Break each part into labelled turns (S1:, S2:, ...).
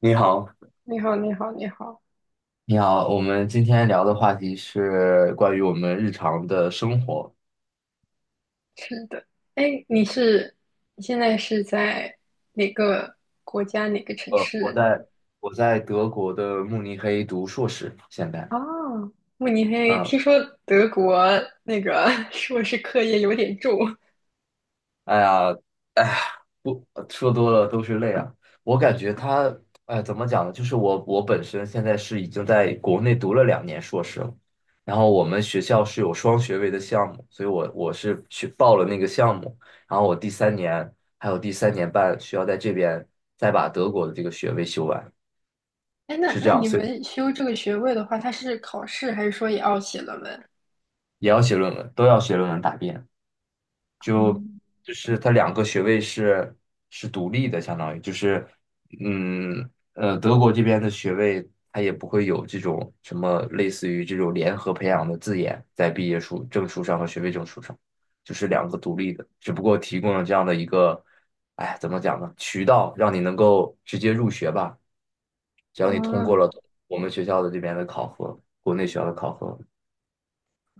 S1: 你好，
S2: 你好，你好，你好，
S1: 你好，我们今天聊的话题是关于我们日常的生活。
S2: 是的，哎，你是你现在是在哪个国家哪个城市
S1: 我
S2: 呢？
S1: 在德国的慕尼黑读硕士，现在。
S2: 啊，慕尼黑，
S1: 啊，
S2: 听说德国那个 硕士课业有点重。
S1: 哎呀，哎呀，不说多了都是泪啊！我感觉他，哎，怎么讲呢？就是我本身现在是已经在国内读了2年硕士了，然后我们学校是有双学位的项目，所以我是去报了那个项目，然后我第三年还有第三年半需要在这边再把德国的这个学位修完。
S2: 哎，那
S1: 是这
S2: 那
S1: 样，
S2: 你
S1: 所以
S2: 们修这个学位的话，它是考试还是说也要写论文？
S1: 也要写论文，都要写论文答辩。
S2: 嗯，
S1: 就是它2个学位是独立的，相当于就是，德国这边的学位它也不会有这种什么类似于这种联合培养的字眼在毕业书证书上和学位证书上，就是两个独立的，只不过提供了这样的一个，哎，怎么讲呢？渠道让你能够直接入学吧，只要你通
S2: 啊，
S1: 过了我们学校的这边的考核，国内学校的考核。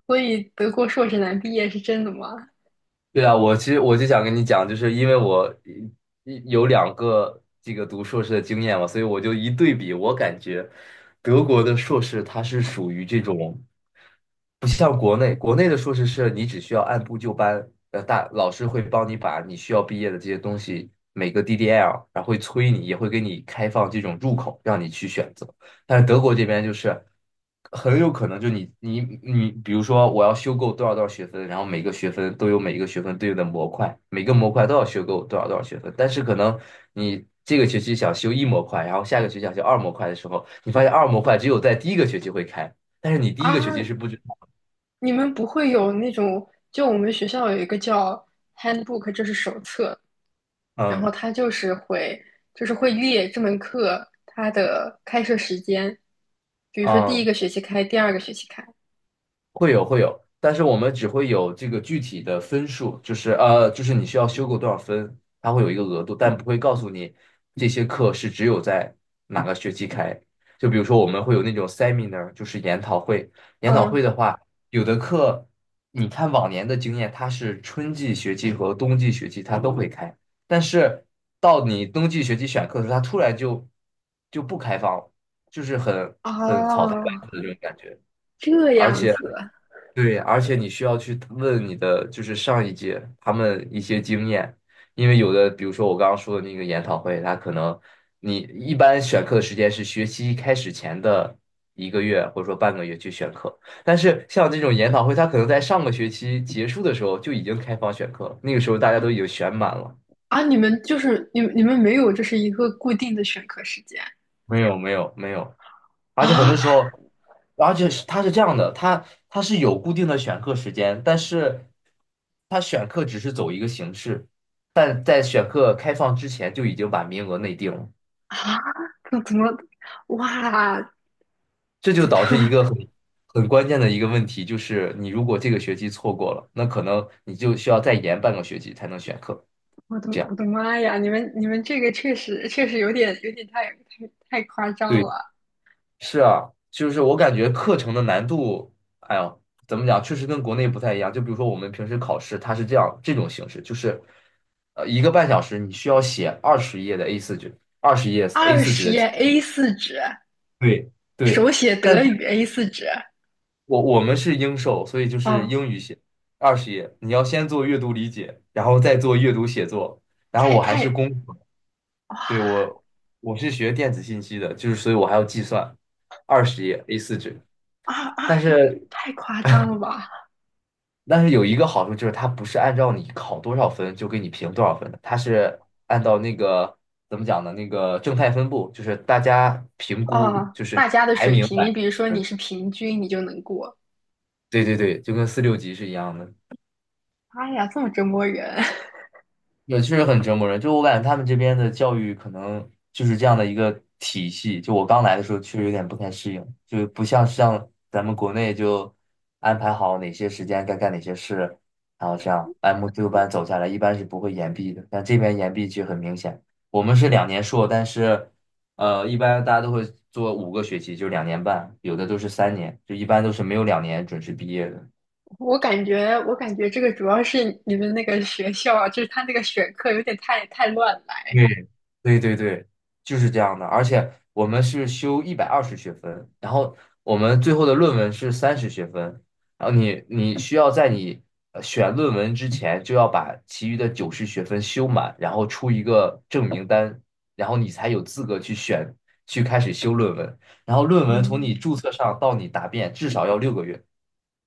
S2: 所以德国硕士难毕业是真的吗？
S1: 对啊，我其实我就想跟你讲，就是因为我有两个这个读硕士的经验嘛，所以我就一对比，我感觉德国的硕士它是属于这种，不像国内，国内的硕士是你只需要按部就班，大老师会帮你把你需要毕业的这些东西每个 DDL,然后会催你，也会给你开放这种入口，让你去选择。但是德国这边就是很有可能就你，比如说我要修够多少多少学分，然后每个学分都有每一个学分对应的模块，每个模块都要修够多少多少学分，但是可能你这个学期想修一模块，然后下个学期想修二模块的时候，你发现二模块只有在第一个学期会开，但是你第一个学期是
S2: 啊，
S1: 不知道。
S2: 你们不会有那种，就我们学校有一个叫 handbook，这是手册，然
S1: 嗯
S2: 后它就是会列这门课它的开设时间，比如说第一
S1: 嗯。
S2: 个学期开，第二个学期开。
S1: 会有会有，但是我们只会有这个具体的分数，就是就是你需要修够多少分，它会有一个额度，但不会告诉你这些课是只有在哪个学期开。就比如说我们会有那种 seminar,就是研讨会。研讨
S2: 嗯，
S1: 会的话，有的课你看往年的经验，它是春季学期和冬季学期它都会开，但是到你冬季学期选课的时候，它突然就不开放了，就是很草台班
S2: 哦，
S1: 子的这种感觉。
S2: 这
S1: 而
S2: 样
S1: 且。
S2: 子
S1: 对，而且你需要去问你的就是上一届他们一些经验，因为有的，比如说我刚刚说的那个研讨会，它可能你一般选课的时间是学期开始前的1个月或者说半个月去选课，但是像这种研讨会，它可能在上个学期结束的时候就已经开放选课了，那个时候大家都已经选满了。
S2: 啊，你们没有就是一个固定的选课时间
S1: 没有没有没有，而且很
S2: 啊
S1: 多时候，而且是它是这样的，它是有固定的选课时间，但是它选课只是走一个形式，但在选课开放之前就已经把名额内定了，
S2: 啊？怎么哇？
S1: 这就
S2: 怎
S1: 导致一
S2: 么
S1: 个很关键的一个问题，就是你如果这个学期错过了，那可能你就需要再延半个学期才能选课，
S2: 我的
S1: 这样。
S2: 我的妈呀！你们这个确实有点太夸张
S1: 对。
S2: 了。
S1: 是啊，就是我感觉课程的难度，哎呦，怎么讲，确实跟国内不太一样。就比如说我们平时考试，它是这样这种形式，就是1个半小时，你需要写20页的A4纸，二十页 a
S2: 二
S1: 四纸
S2: 十
S1: 的
S2: 页
S1: 题。
S2: A 四纸，
S1: 对对，
S2: 手写
S1: 但
S2: 德
S1: 是
S2: 语 A 四纸。
S1: 我们是英授，所以就是
S2: 哦，
S1: 英语写二十页，你要先做阅读理解，然后再做阅读写作。然后
S2: 太
S1: 我还是
S2: 太
S1: 工科，
S2: 啊
S1: 对我是学电子信息的，就是所以我还要计算二十页 a 四纸，
S2: 啊！
S1: 但是。
S2: 太夸张了吧？
S1: 但是有一个好处就是它不是按照你考多少分就给你评多少分的，它是按照那个怎么讲呢？那个正态分布，就是大家评估
S2: 啊，
S1: 就是
S2: 大家的
S1: 排
S2: 水
S1: 名
S2: 平，你
S1: 来。
S2: 比如说你是平均，你就能过。
S1: 对对对，就跟四六级是一样的。
S2: 哎呀，这么折磨人！
S1: 也确实很折磨人。就我感觉他们这边的教育可能就是这样的一个体系。就我刚来的时候，确实有点不太适应，就不像咱们国内就安排好哪些时间该干哪些事，然后这样按部就班走下来，一般是不会延毕的。但这边延毕其实很明显，我们是两年硕，但是一般大家都会做5个学期，就2年半，有的都是三年，就一般都是没有两年准时毕业的。
S2: 我感觉这个主要是你们那个学校啊就是他那个选课有点太乱来。
S1: 对对对对，就是这样的。而且我们是修120学分，然后我们最后的论文是30学分，然后你需要在你选论文之前就要把其余的90学分修满，然后出一个证明单，然后你才有资格去开始修论文。然后论文从你
S2: 嗯，
S1: 注册上到你答辩至少要6个月，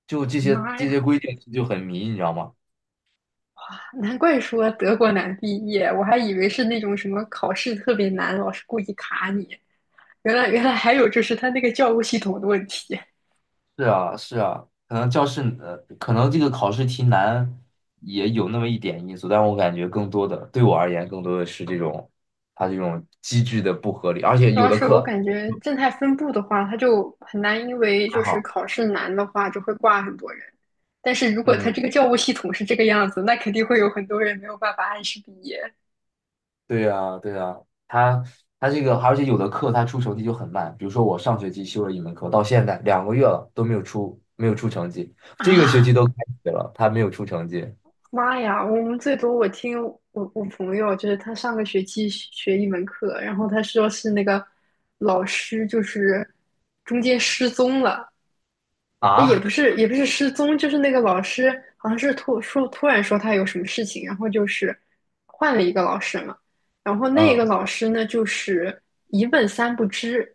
S1: 就这些
S2: 妈
S1: 这
S2: 呀，
S1: 些规定就很迷，你知道吗？
S2: 难怪说德国难毕业，我还以为是那种什么考试特别难，老师故意卡你。原来还有就是他那个教务系统的问题。
S1: 是啊，是啊，可能可能这个考试题难也有那么一点因素，但我感觉更多的对我而言，更多的是这种它这种机制的不合理，而且
S2: 主
S1: 有
S2: 要
S1: 的
S2: 是我
S1: 课
S2: 感觉正态分布的话，它就很难，因为
S1: 还
S2: 就是
S1: 好，
S2: 考试难的话，就会挂很多人。但是如果它这
S1: 嗯，
S2: 个教务系统是这个样子，那肯定会有很多人没有办法按时毕业
S1: 对呀，对呀，它它这个，而且有的课它出成绩就很慢，比如说我上学期修了一门课，到现在2个月了都没有出成绩，这个学
S2: 啊！
S1: 期都开学了，它没有出成绩
S2: 妈呀，我们最多我听我我朋友，就是他上个学期学一门课，然后他说是那个老师就是中间失踪了，也
S1: 啊，
S2: 不是也不是失踪，就是那个老师好像是突然说他有什么事情，然后就是换了一个老师嘛，然后 那个
S1: 嗯
S2: 老师呢就是一问三不知，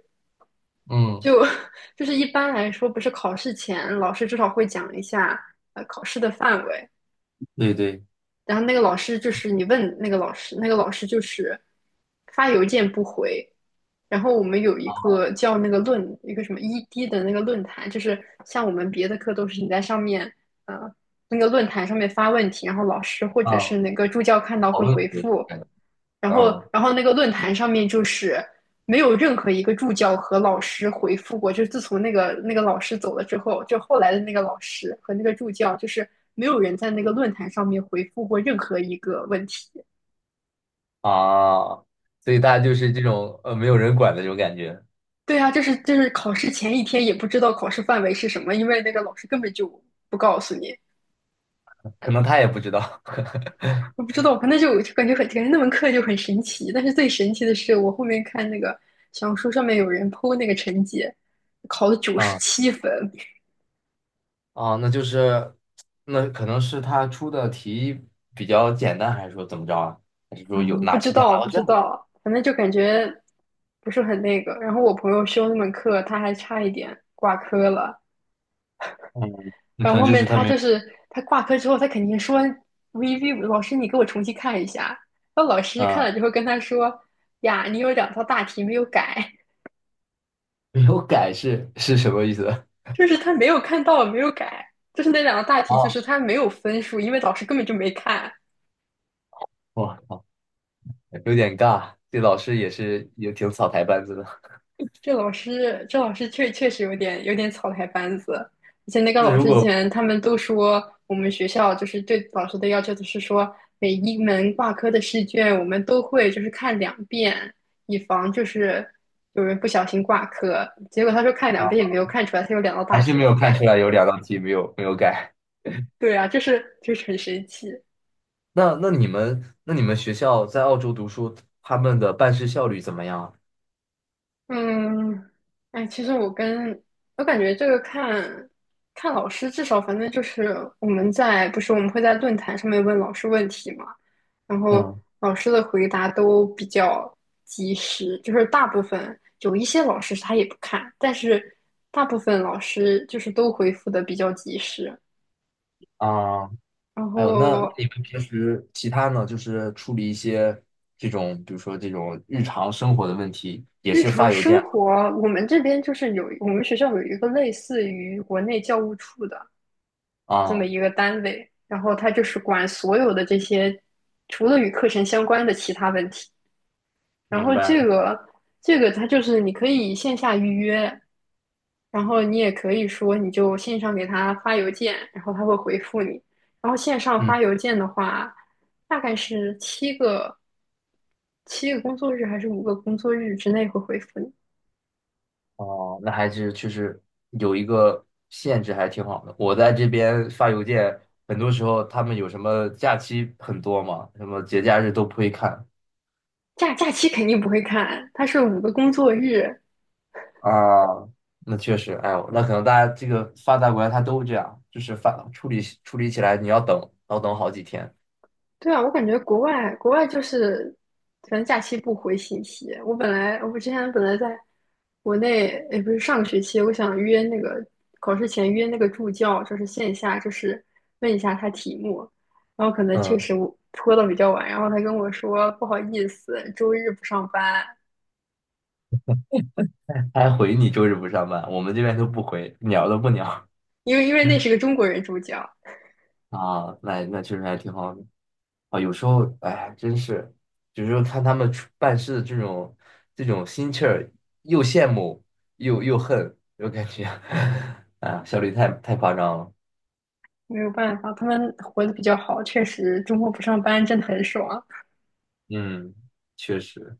S1: 嗯，
S2: 就 就是一般来说不是考试前老师至少会讲一下考试的范围，
S1: 对对
S2: 然后那个老师就是你问那个老师，那个老师就是发邮件不回。然后我们有一个叫那个一个什么 ED 的那个论坛，就是像我们别的课都是你在上面呃那个论坛上面发问题，然后老师或者是
S1: 啊，
S2: 那个助教看到
S1: 讨
S2: 会
S1: 论
S2: 回
S1: 的
S2: 复。
S1: 感觉
S2: 然后，
S1: 嗯。
S2: 然后那个论坛上面就是没有任何一个助教和老师回复过，就是自从那个老师走了之后，就后来的那个老师和那个助教，就是没有人在那个论坛上面回复过任何一个问题。
S1: 啊，所以大家就是这种没有人管的这种感觉，
S2: 对啊，就是考试前一天也不知道考试范围是什么，因为那个老师根本就不告诉你。
S1: 可能他也不知道
S2: 我不 知道，反正就感觉那门课就很神奇。但是最神奇的是，我后面看那个小红书上面有人 PO 那个成绩，考了九十
S1: 啊
S2: 七分，
S1: 啊，那可能是他出的题比较简单，还是说怎么着啊？还是说有
S2: 嗯不
S1: 哪
S2: 知
S1: 提前拿
S2: 道，
S1: 到
S2: 不
S1: 卷
S2: 知
S1: 子？
S2: 道，反正就感觉不是很那个。然后我朋友修那门课，他还差一点挂科了。
S1: 嗯，那
S2: 然
S1: 可
S2: 后
S1: 能
S2: 后
S1: 就
S2: 面
S1: 是他
S2: 他
S1: 没有
S2: 就是他挂科之后，他肯定说 "VV 老师，你给我重新看一下。"然后老师看
S1: 啊，
S2: 了之后跟他说："呀，你有两道大题没有改，
S1: 没有改是什么意思？
S2: 就是他没有看到，没有改，就是那两道大题，就
S1: 啊，
S2: 是他没有分数，因为老师根本就没看。
S1: 我靠，有点尬，这老师也挺草台班子的。
S2: 这老师确实有点草台班子，而且那个
S1: 那
S2: 老
S1: 如
S2: 师之
S1: 果
S2: 前他们都说，我们学校就是对老师的要求就是说，每一门挂科的试卷我们都会就是看两遍，以防就是有人不小心挂科。结果他说看两遍
S1: 啊，
S2: 也没有看出来，他有两道
S1: 还
S2: 大
S1: 是
S2: 题
S1: 没
S2: 没
S1: 有看
S2: 改。
S1: 出来有2道题没有改。
S2: 对啊，就是很神奇。
S1: 那你们学校在澳洲读书，他们的办事效率怎么样？
S2: 嗯，哎，其实我感觉这个看看老师，至少反正就是我们在不是我们会在论坛上面问老师问题嘛，然后
S1: 嗯
S2: 老师的回答都比较及时，就是大部分有一些老师他也不看，但是大部分老师就是都回复的比较及时。
S1: 啊，
S2: 然
S1: 还有那
S2: 后
S1: 你们平时其他呢，就是处理一些这种，比如说这种日常生活的问题，也
S2: 日
S1: 是
S2: 常
S1: 发邮
S2: 生
S1: 件
S2: 活，我们这边就是我们学校有一个类似于国内教务处的。这么
S1: 啊？
S2: 一个单位，然后他就是管所有的这些，除了与课程相关的其他问题。然
S1: 明
S2: 后
S1: 白
S2: 这
S1: 了
S2: 个这个他就是你可以线下预约，然后你也可以说你就线上给他发邮件，然后他会回复你。然后线上
S1: 嗯，
S2: 发邮件的话，大概是七个工作日还是五个工作日之内会回复你。
S1: 哦，那还是确实有一个限制，还挺好的。我在这边发邮件，很多时候他们有什么假期很多嘛，什么节假日都不会看，
S2: 假期肯定不会看，它是五个工作日，
S1: 啊，那确实，哎呦，那可能大家这个发达国家它都这样，就是处理处理起来你要等，要等好几天。
S2: 对啊，我感觉国外就是，反正假期不回信息。我之前本来在国内，也不是上个学期，我想约那个考试前约那个助教，就是线下，就是问一下他题目。然后可能确
S1: 嗯，
S2: 实我拖的比较晚，然后他跟我说不好意思，周日不上班，
S1: 他还回你周日不上班，我们这边都不回，鸟都不鸟
S2: 因为那是个中国人助教，
S1: 啊。那确实还挺好的啊。有时候，哎，真是，有时候看他们办事的这种心气儿，又羡慕又恨，又感觉 啊，效率太夸张了。
S2: 没有办法，他们活得比较好，确实周末不上班真的很爽。
S1: 嗯，确实。